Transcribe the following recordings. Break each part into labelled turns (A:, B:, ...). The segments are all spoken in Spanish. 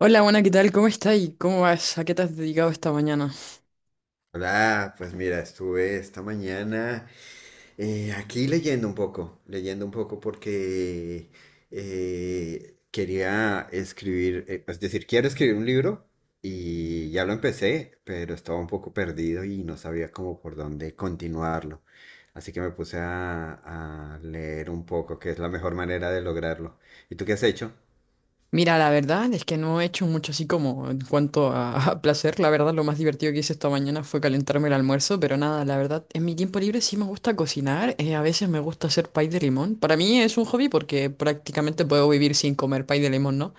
A: Hola, buena, ¿qué tal? ¿Cómo estás y cómo vas? ¿A qué te has dedicado esta mañana?
B: Hola, pues mira, estuve esta mañana aquí leyendo un poco porque quería escribir, es decir, quiero escribir un libro y ya lo empecé, pero estaba un poco perdido y no sabía cómo por dónde continuarlo. Así que me puse a leer un poco, que es la mejor manera de lograrlo. ¿Y tú qué has hecho?
A: Mira, la verdad es que no he hecho mucho así como en cuanto a, a placer. La verdad, lo más divertido que hice esta mañana fue calentarme el almuerzo, pero nada, la verdad, en mi tiempo libre sí me gusta cocinar. A veces me gusta hacer pay de limón. Para mí es un hobby porque prácticamente puedo vivir sin comer pay de limón, ¿no?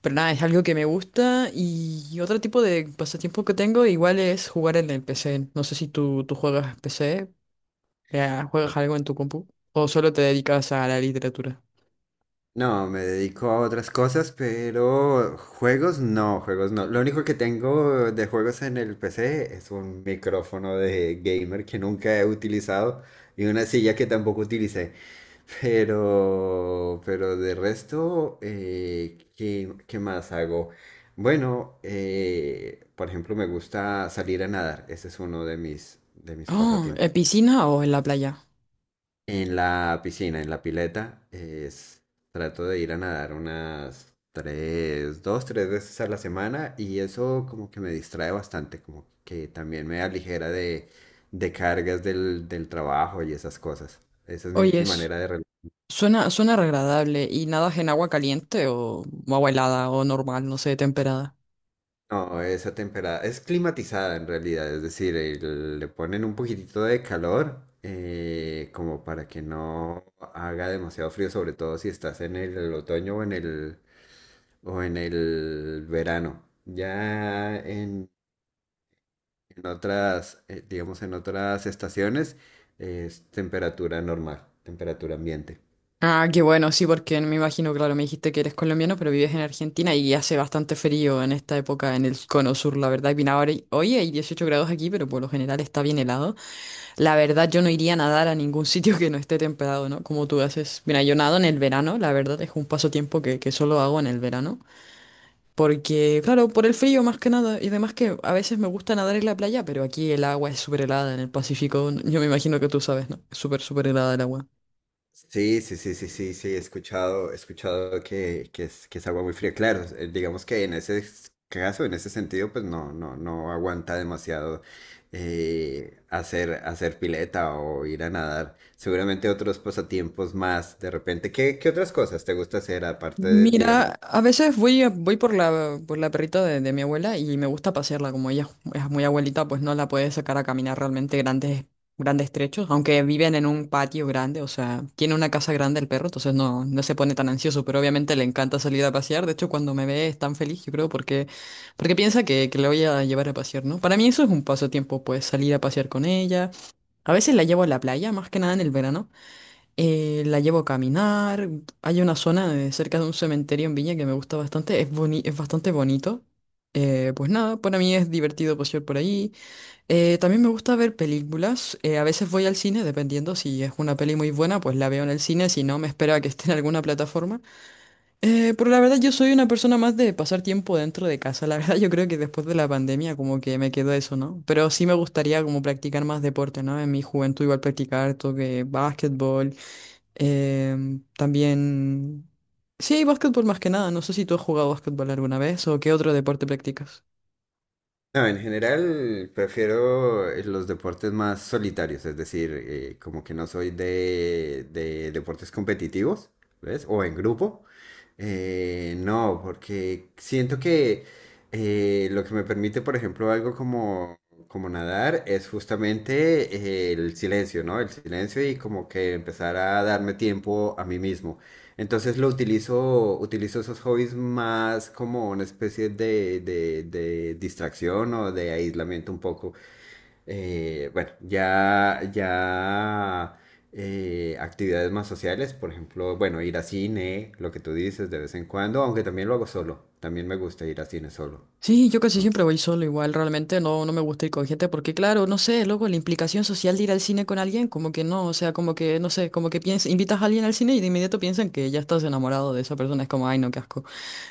A: Pero nada, es algo que me gusta y otro tipo de pasatiempo que tengo igual es jugar en el PC. No sé si tú juegas PC. Vea, ¿juegas algo en tu compu? ¿O solo te dedicas a la literatura?
B: No, me dedico a otras cosas, pero juegos no, juegos no. Lo único que tengo de juegos en el PC es un micrófono de gamer que nunca he utilizado y una silla que tampoco utilicé. Pero de resto, ¿qué, qué más hago? Bueno, por ejemplo, me gusta salir a nadar. Ese es uno de mis
A: Oh,
B: pasatiempos
A: ¿en piscina o en la playa?
B: en la piscina, en la pileta, es, trato de ir a nadar unas tres, dos, tres veces a la semana y eso como que me distrae bastante, como que también me aligera de cargas del, del trabajo y esas cosas. Esa es mi,
A: Oye,
B: mi
A: es-
B: manera de rela-
A: Suena, suena re agradable. ¿Y nadas en agua caliente o agua helada o normal, no sé, temperada?
B: No, esa temporada es climatizada en realidad, es decir, el- le ponen un poquitito de calor, como para que no haga demasiado frío, sobre todo si estás en el otoño o en el verano. Ya en otras, digamos, en otras estaciones es temperatura normal, temperatura ambiente.
A: Ah, qué bueno, sí, porque me imagino, claro, me dijiste que eres colombiano, pero vives en Argentina y hace bastante frío en esta época en el cono sur, la verdad. Y bien, ahora, hoy hay 18 grados aquí, pero por lo general está bien helado. La verdad, yo no iría a nadar a ningún sitio que no esté templado, ¿no? Como tú haces. Mira, yo nado en el verano, la verdad es un pasatiempo que solo hago en el verano. Porque, claro, por el frío más que nada. Y además que a veces me gusta nadar en la playa, pero aquí el agua es súper helada en el Pacífico. Yo me imagino que tú sabes, ¿no? Es súper, súper helada el agua.
B: Sí, sí, sí, sí, sí, sí, he escuchado que es agua muy fría. Claro, digamos que en ese s- caso, en ese sentido, pues no, no, no aguanta demasiado hacer, hacer pileta o ir a nadar. Seguramente otros pasatiempos más, de repente. ¿Qué, qué otras cosas te gusta hacer aparte de,
A: Mira,
B: digamos,
A: a veces voy, voy por la perrita de mi abuela y me gusta pasearla, como ella es muy abuelita, pues no la puede sacar a caminar realmente grandes, grandes trechos, aunque viven en un patio grande, o sea, tiene una casa grande el perro, entonces no se pone tan ansioso, pero obviamente le encanta salir a pasear, de hecho cuando me ve es tan feliz, yo creo, porque, porque piensa que la voy a llevar a pasear, ¿no? Para mí eso es un pasatiempo, pues salir a pasear con ella. A veces la llevo a la playa, más que nada en el verano. La llevo a caminar. Hay una cerca de un cementerio en Viña que me gusta bastante. Es es bastante bonito. Pues nada, para mí es divertido pasear por ahí. También me gusta ver películas. A veces voy al cine, dependiendo si es una peli muy buena, pues la veo en el cine. Si no, me espero a que esté en alguna plataforma. Pero la verdad, yo soy una persona más de pasar tiempo dentro de casa. La verdad, yo creo que después de la pandemia como que me quedó eso, ¿no? Pero sí me gustaría como practicar más deporte, ¿no? En mi juventud igual practicar toque, básquetbol. Em, también... Sí, básquetbol más que nada. No sé si tú has jugado básquetbol alguna vez o qué otro deporte practicas.
B: No, en general prefiero los deportes más solitarios, es decir, como que no soy de deportes competitivos, ¿ves? O en grupo. No, porque siento que lo que me permite, por ejemplo, algo como, como nadar es justamente, el silencio, ¿no? El silencio y como que empezar a darme tiempo a mí mismo. Entonces lo utilizo, utilizo esos hobbies más como una especie de distracción o de aislamiento un poco. Bueno, ya, ya actividades más sociales, por ejemplo, bueno, ir a cine, lo que tú dices de vez en cuando, aunque también lo hago solo. También me gusta ir a cine solo.
A: Sí, yo casi siempre voy solo igual, realmente no, no me gusta ir con gente porque claro, no sé, luego la implicación social de ir al cine con alguien, como que no, o sea, como que, no sé, como que piensas, invitas a alguien al cine y de inmediato piensan que ya estás enamorado de esa persona, es como, ay, no, qué asco.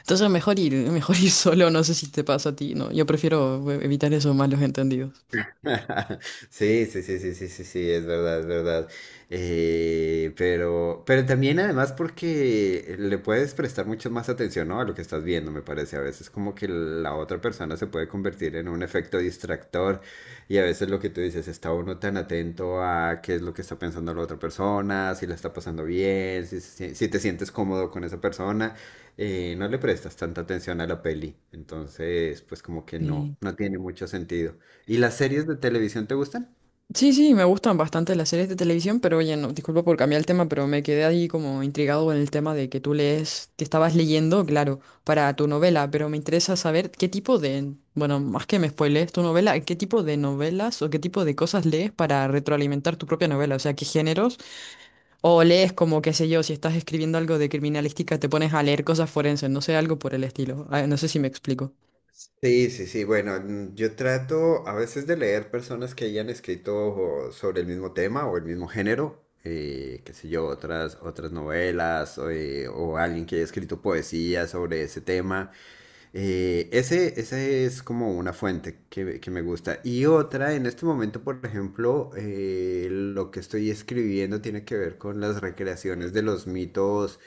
A: Entonces mejor ir, mejor ir solo, no sé si te pasa a ti, no, yo prefiero evitar eso, malos entendidos.
B: Sí, sí, sí, sí, sí, sí, sí, es verdad, es verdad. Pero también además porque le puedes prestar mucho más atención, ¿no?, a lo que estás viendo, me parece. A veces como que la otra persona se puede convertir en un efecto distractor y a veces lo que tú dices, está uno tan atento a qué es lo que está pensando la otra persona, si la está pasando bien, si, si- si te sientes cómodo con esa persona, no le prestas tanta atención a la peli. Entonces, pues como que no,
A: Sí.
B: no tiene mucho sentido. ¿Y las series de televisión te gustan?
A: Sí, sí, me gustan bastante las series de televisión, pero oye, no, disculpa por cambiar el tema, pero me quedé ahí como intrigado con el tema de que tú lees, que estabas leyendo, claro, para tu novela, pero me interesa saber qué tipo de, bueno, más que me spoilees tu novela, qué tipo de novelas o qué tipo de cosas lees para retroalimentar tu propia novela, o sea, qué géneros, o lees como, qué sé yo, si estás escribiendo algo de criminalística, te pones a leer cosas forenses, no sé, algo por el estilo. Ah, no sé si me explico.
B: Sí, sí, sí. Bueno, mm, yo trato a veces de leer personas que hayan escrito sobre el mismo tema o el mismo género, qué sé yo, otras, otras novelas o alguien que haya escrito poesía sobre ese tema. Ese, ese es como una fuente que me gusta. Y otra, en este momento, por ejemplo, lo que estoy escribiendo tiene que ver con las recreaciones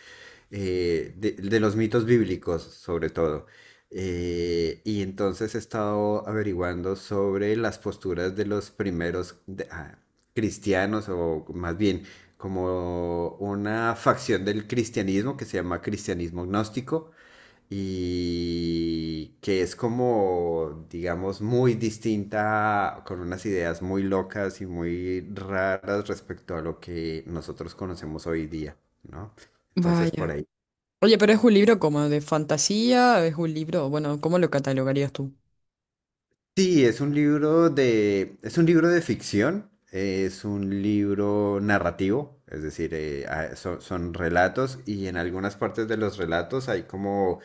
B: de los mitos bíblicos, sobre todo. Y entonces he estado averiguando sobre las posturas de los primeros de- ah, cristianos, o más bien como una facción del cristianismo que se llama cristianismo gnóstico y que es como, digamos, muy distinta, con unas ideas muy locas y muy raras respecto a lo que nosotros conocemos hoy día, ¿no? Entonces
A: Vaya.
B: por ahí.
A: Oye, pero es un libro como de fantasía, es un libro, bueno, ¿cómo lo catalogarías tú?
B: Sí, es un libro de, es un libro de ficción, es un libro narrativo, es decir, ah, so- son, relatos y en algunas partes de los relatos hay como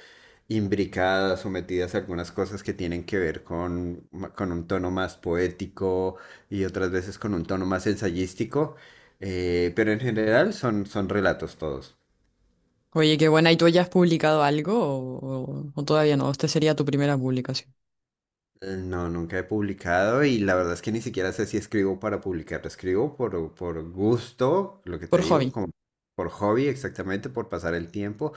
B: imbricadas o metidas algunas cosas que tienen que ver con, ma- con un tono más poético y otras veces con un tono más ensayístico, pero en general son, son relatos todos.
A: Oye, qué buena. ¿Y tú ya has publicado algo o, o todavía no? Esta sería tu primera publicación.
B: No, nunca he publicado y la verdad es que ni siquiera sé si escribo para publicar. Escribo por gusto, lo que te
A: Por
B: digo,
A: hobby.
B: como por hobby exactamente, por pasar el tiempo.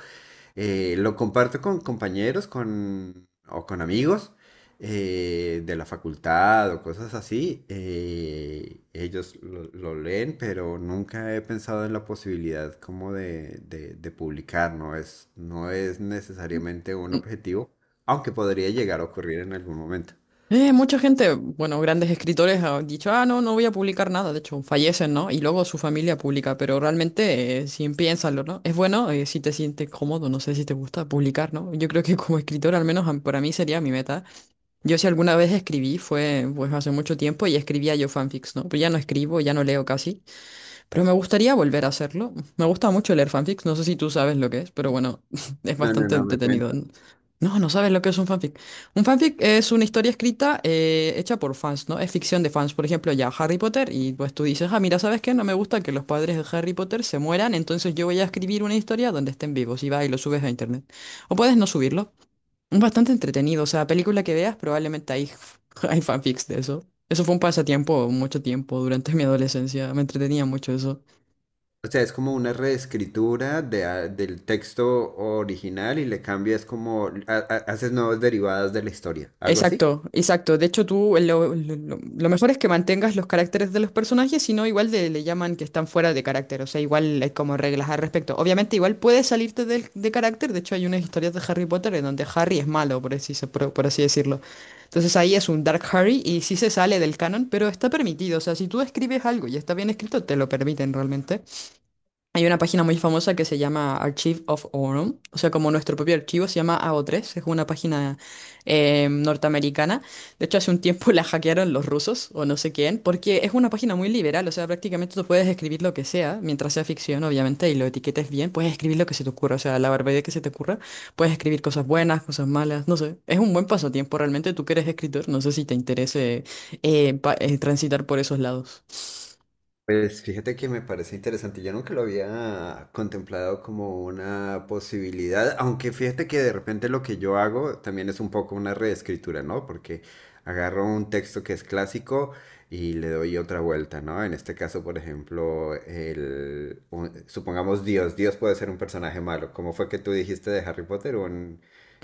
B: Lo comparto con compañeros con, o con amigos, de la facultad o cosas así. Ellos lo leen, pero nunca he pensado en la posibilidad como de publicar. No es, no es necesariamente un
A: Mm.
B: objetivo, aunque podría llegar a ocurrir en algún momento.
A: Mucha gente, bueno, grandes escritores han dicho, ah, no, no voy a publicar nada. De hecho, fallecen, ¿no? Y luego su familia publica, pero realmente, sin piénsalo, ¿no? Es bueno, si te sientes cómodo, no sé si te gusta publicar, ¿no? Yo creo que como escritor, al menos para mí sería mi meta. Yo si alguna vez escribí, fue pues hace mucho tiempo y escribía yo fanfics, ¿no? Pero ya no escribo, ya no leo casi. Pero me gustaría volver a hacerlo. Me gusta mucho leer fanfics. No sé si tú sabes lo que es, pero bueno, es
B: No, no,
A: bastante
B: no, me
A: entretenido.
B: cuento.
A: No, no sabes lo que es un fanfic. Un fanfic es una historia escrita hecha por fans, ¿no? Es ficción de fans. Por ejemplo, ya Harry Potter, y pues tú dices, ah, mira, ¿sabes qué? No me gusta que los padres de Harry Potter se mueran, entonces yo voy a escribir una historia donde estén vivos y vas y lo subes a internet. O puedes no subirlo. Es bastante entretenido. O sea, película que veas, probablemente hay, hay fanfics de eso. Eso fue un pasatiempo mucho tiempo durante mi adolescencia. Me entretenía mucho eso.
B: O sea, es como una reescritura de, a- del texto original y le cambias como, ha- ha- haces nuevas derivadas de la historia, algo así.
A: Exacto, exacto. De hecho, tú lo mejor es que mantengas los caracteres de los personajes, si no, igual le llaman que están fuera de carácter. O sea, igual hay como reglas al respecto. Obviamente, igual puedes salirte de carácter. De hecho, hay unas historias de Harry Potter en donde Harry es malo, por así, por así decirlo. Entonces ahí es un Dark Harry y sí se sale del canon, pero está permitido. O sea, si tú escribes algo y está bien escrito, te lo permiten realmente. Hay una página muy famosa que se llama Archive of Orum, o sea, como nuestro propio archivo, se llama AO3. Es una página norteamericana. De hecho, hace un tiempo la hackearon los rusos, o no sé quién, porque es una página muy liberal, o sea, prácticamente tú puedes escribir lo que sea, mientras sea ficción, obviamente, y lo etiquetes bien, puedes escribir lo que se te ocurra, o sea, la barbaridad que se te ocurra, puedes escribir cosas buenas, cosas malas, no sé, es un buen pasatiempo realmente, tú que eres escritor, no sé si te interese transitar por esos lados.
B: Pues fíjate que me parece interesante. Yo nunca lo había contemplado como una posibilidad, aunque fíjate que de repente lo que yo hago también es un poco una reescritura, ¿no? Porque agarro un texto que es clásico y le doy otra vuelta, ¿no? En este caso, por ejemplo, el, un- supongamos Dios. Dios puede ser un personaje malo. ¿Cómo fue que tú dijiste de Harry Potter?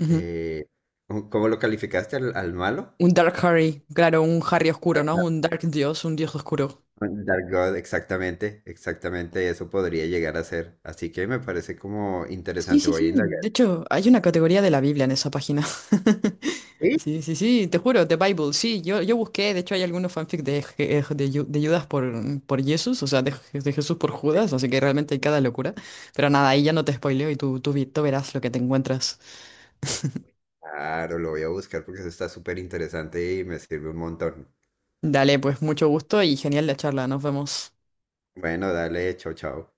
B: eh, un- ¿cómo lo calificaste al, al malo?
A: Un Dark Harry, claro, un Harry oscuro, ¿no? Un Dark Dios, un Dios oscuro.
B: Dark God, exactamente, exactamente, eso podría llegar a ser. Así que me parece como
A: Sí,
B: interesante,
A: sí,
B: voy a
A: sí.
B: indagar.
A: De hecho, hay una categoría de la Biblia en esa página.
B: Sí,
A: Sí, sí, sí, te juro, The Bible, sí, yo busqué, de hecho hay algunos fanfic de, de Judas por Jesús, o sea, de, de Jesús por
B: sí,
A: Judas, así que realmente hay cada locura. Pero nada, ahí ya no te spoileo y tú, tú verás lo que te encuentras.
B: claro, lo voy a buscar porque eso está súper interesante y me sirve un montón.
A: Dale, pues mucho gusto y genial la charla, nos vemos.
B: Bueno, dale, chao, chao.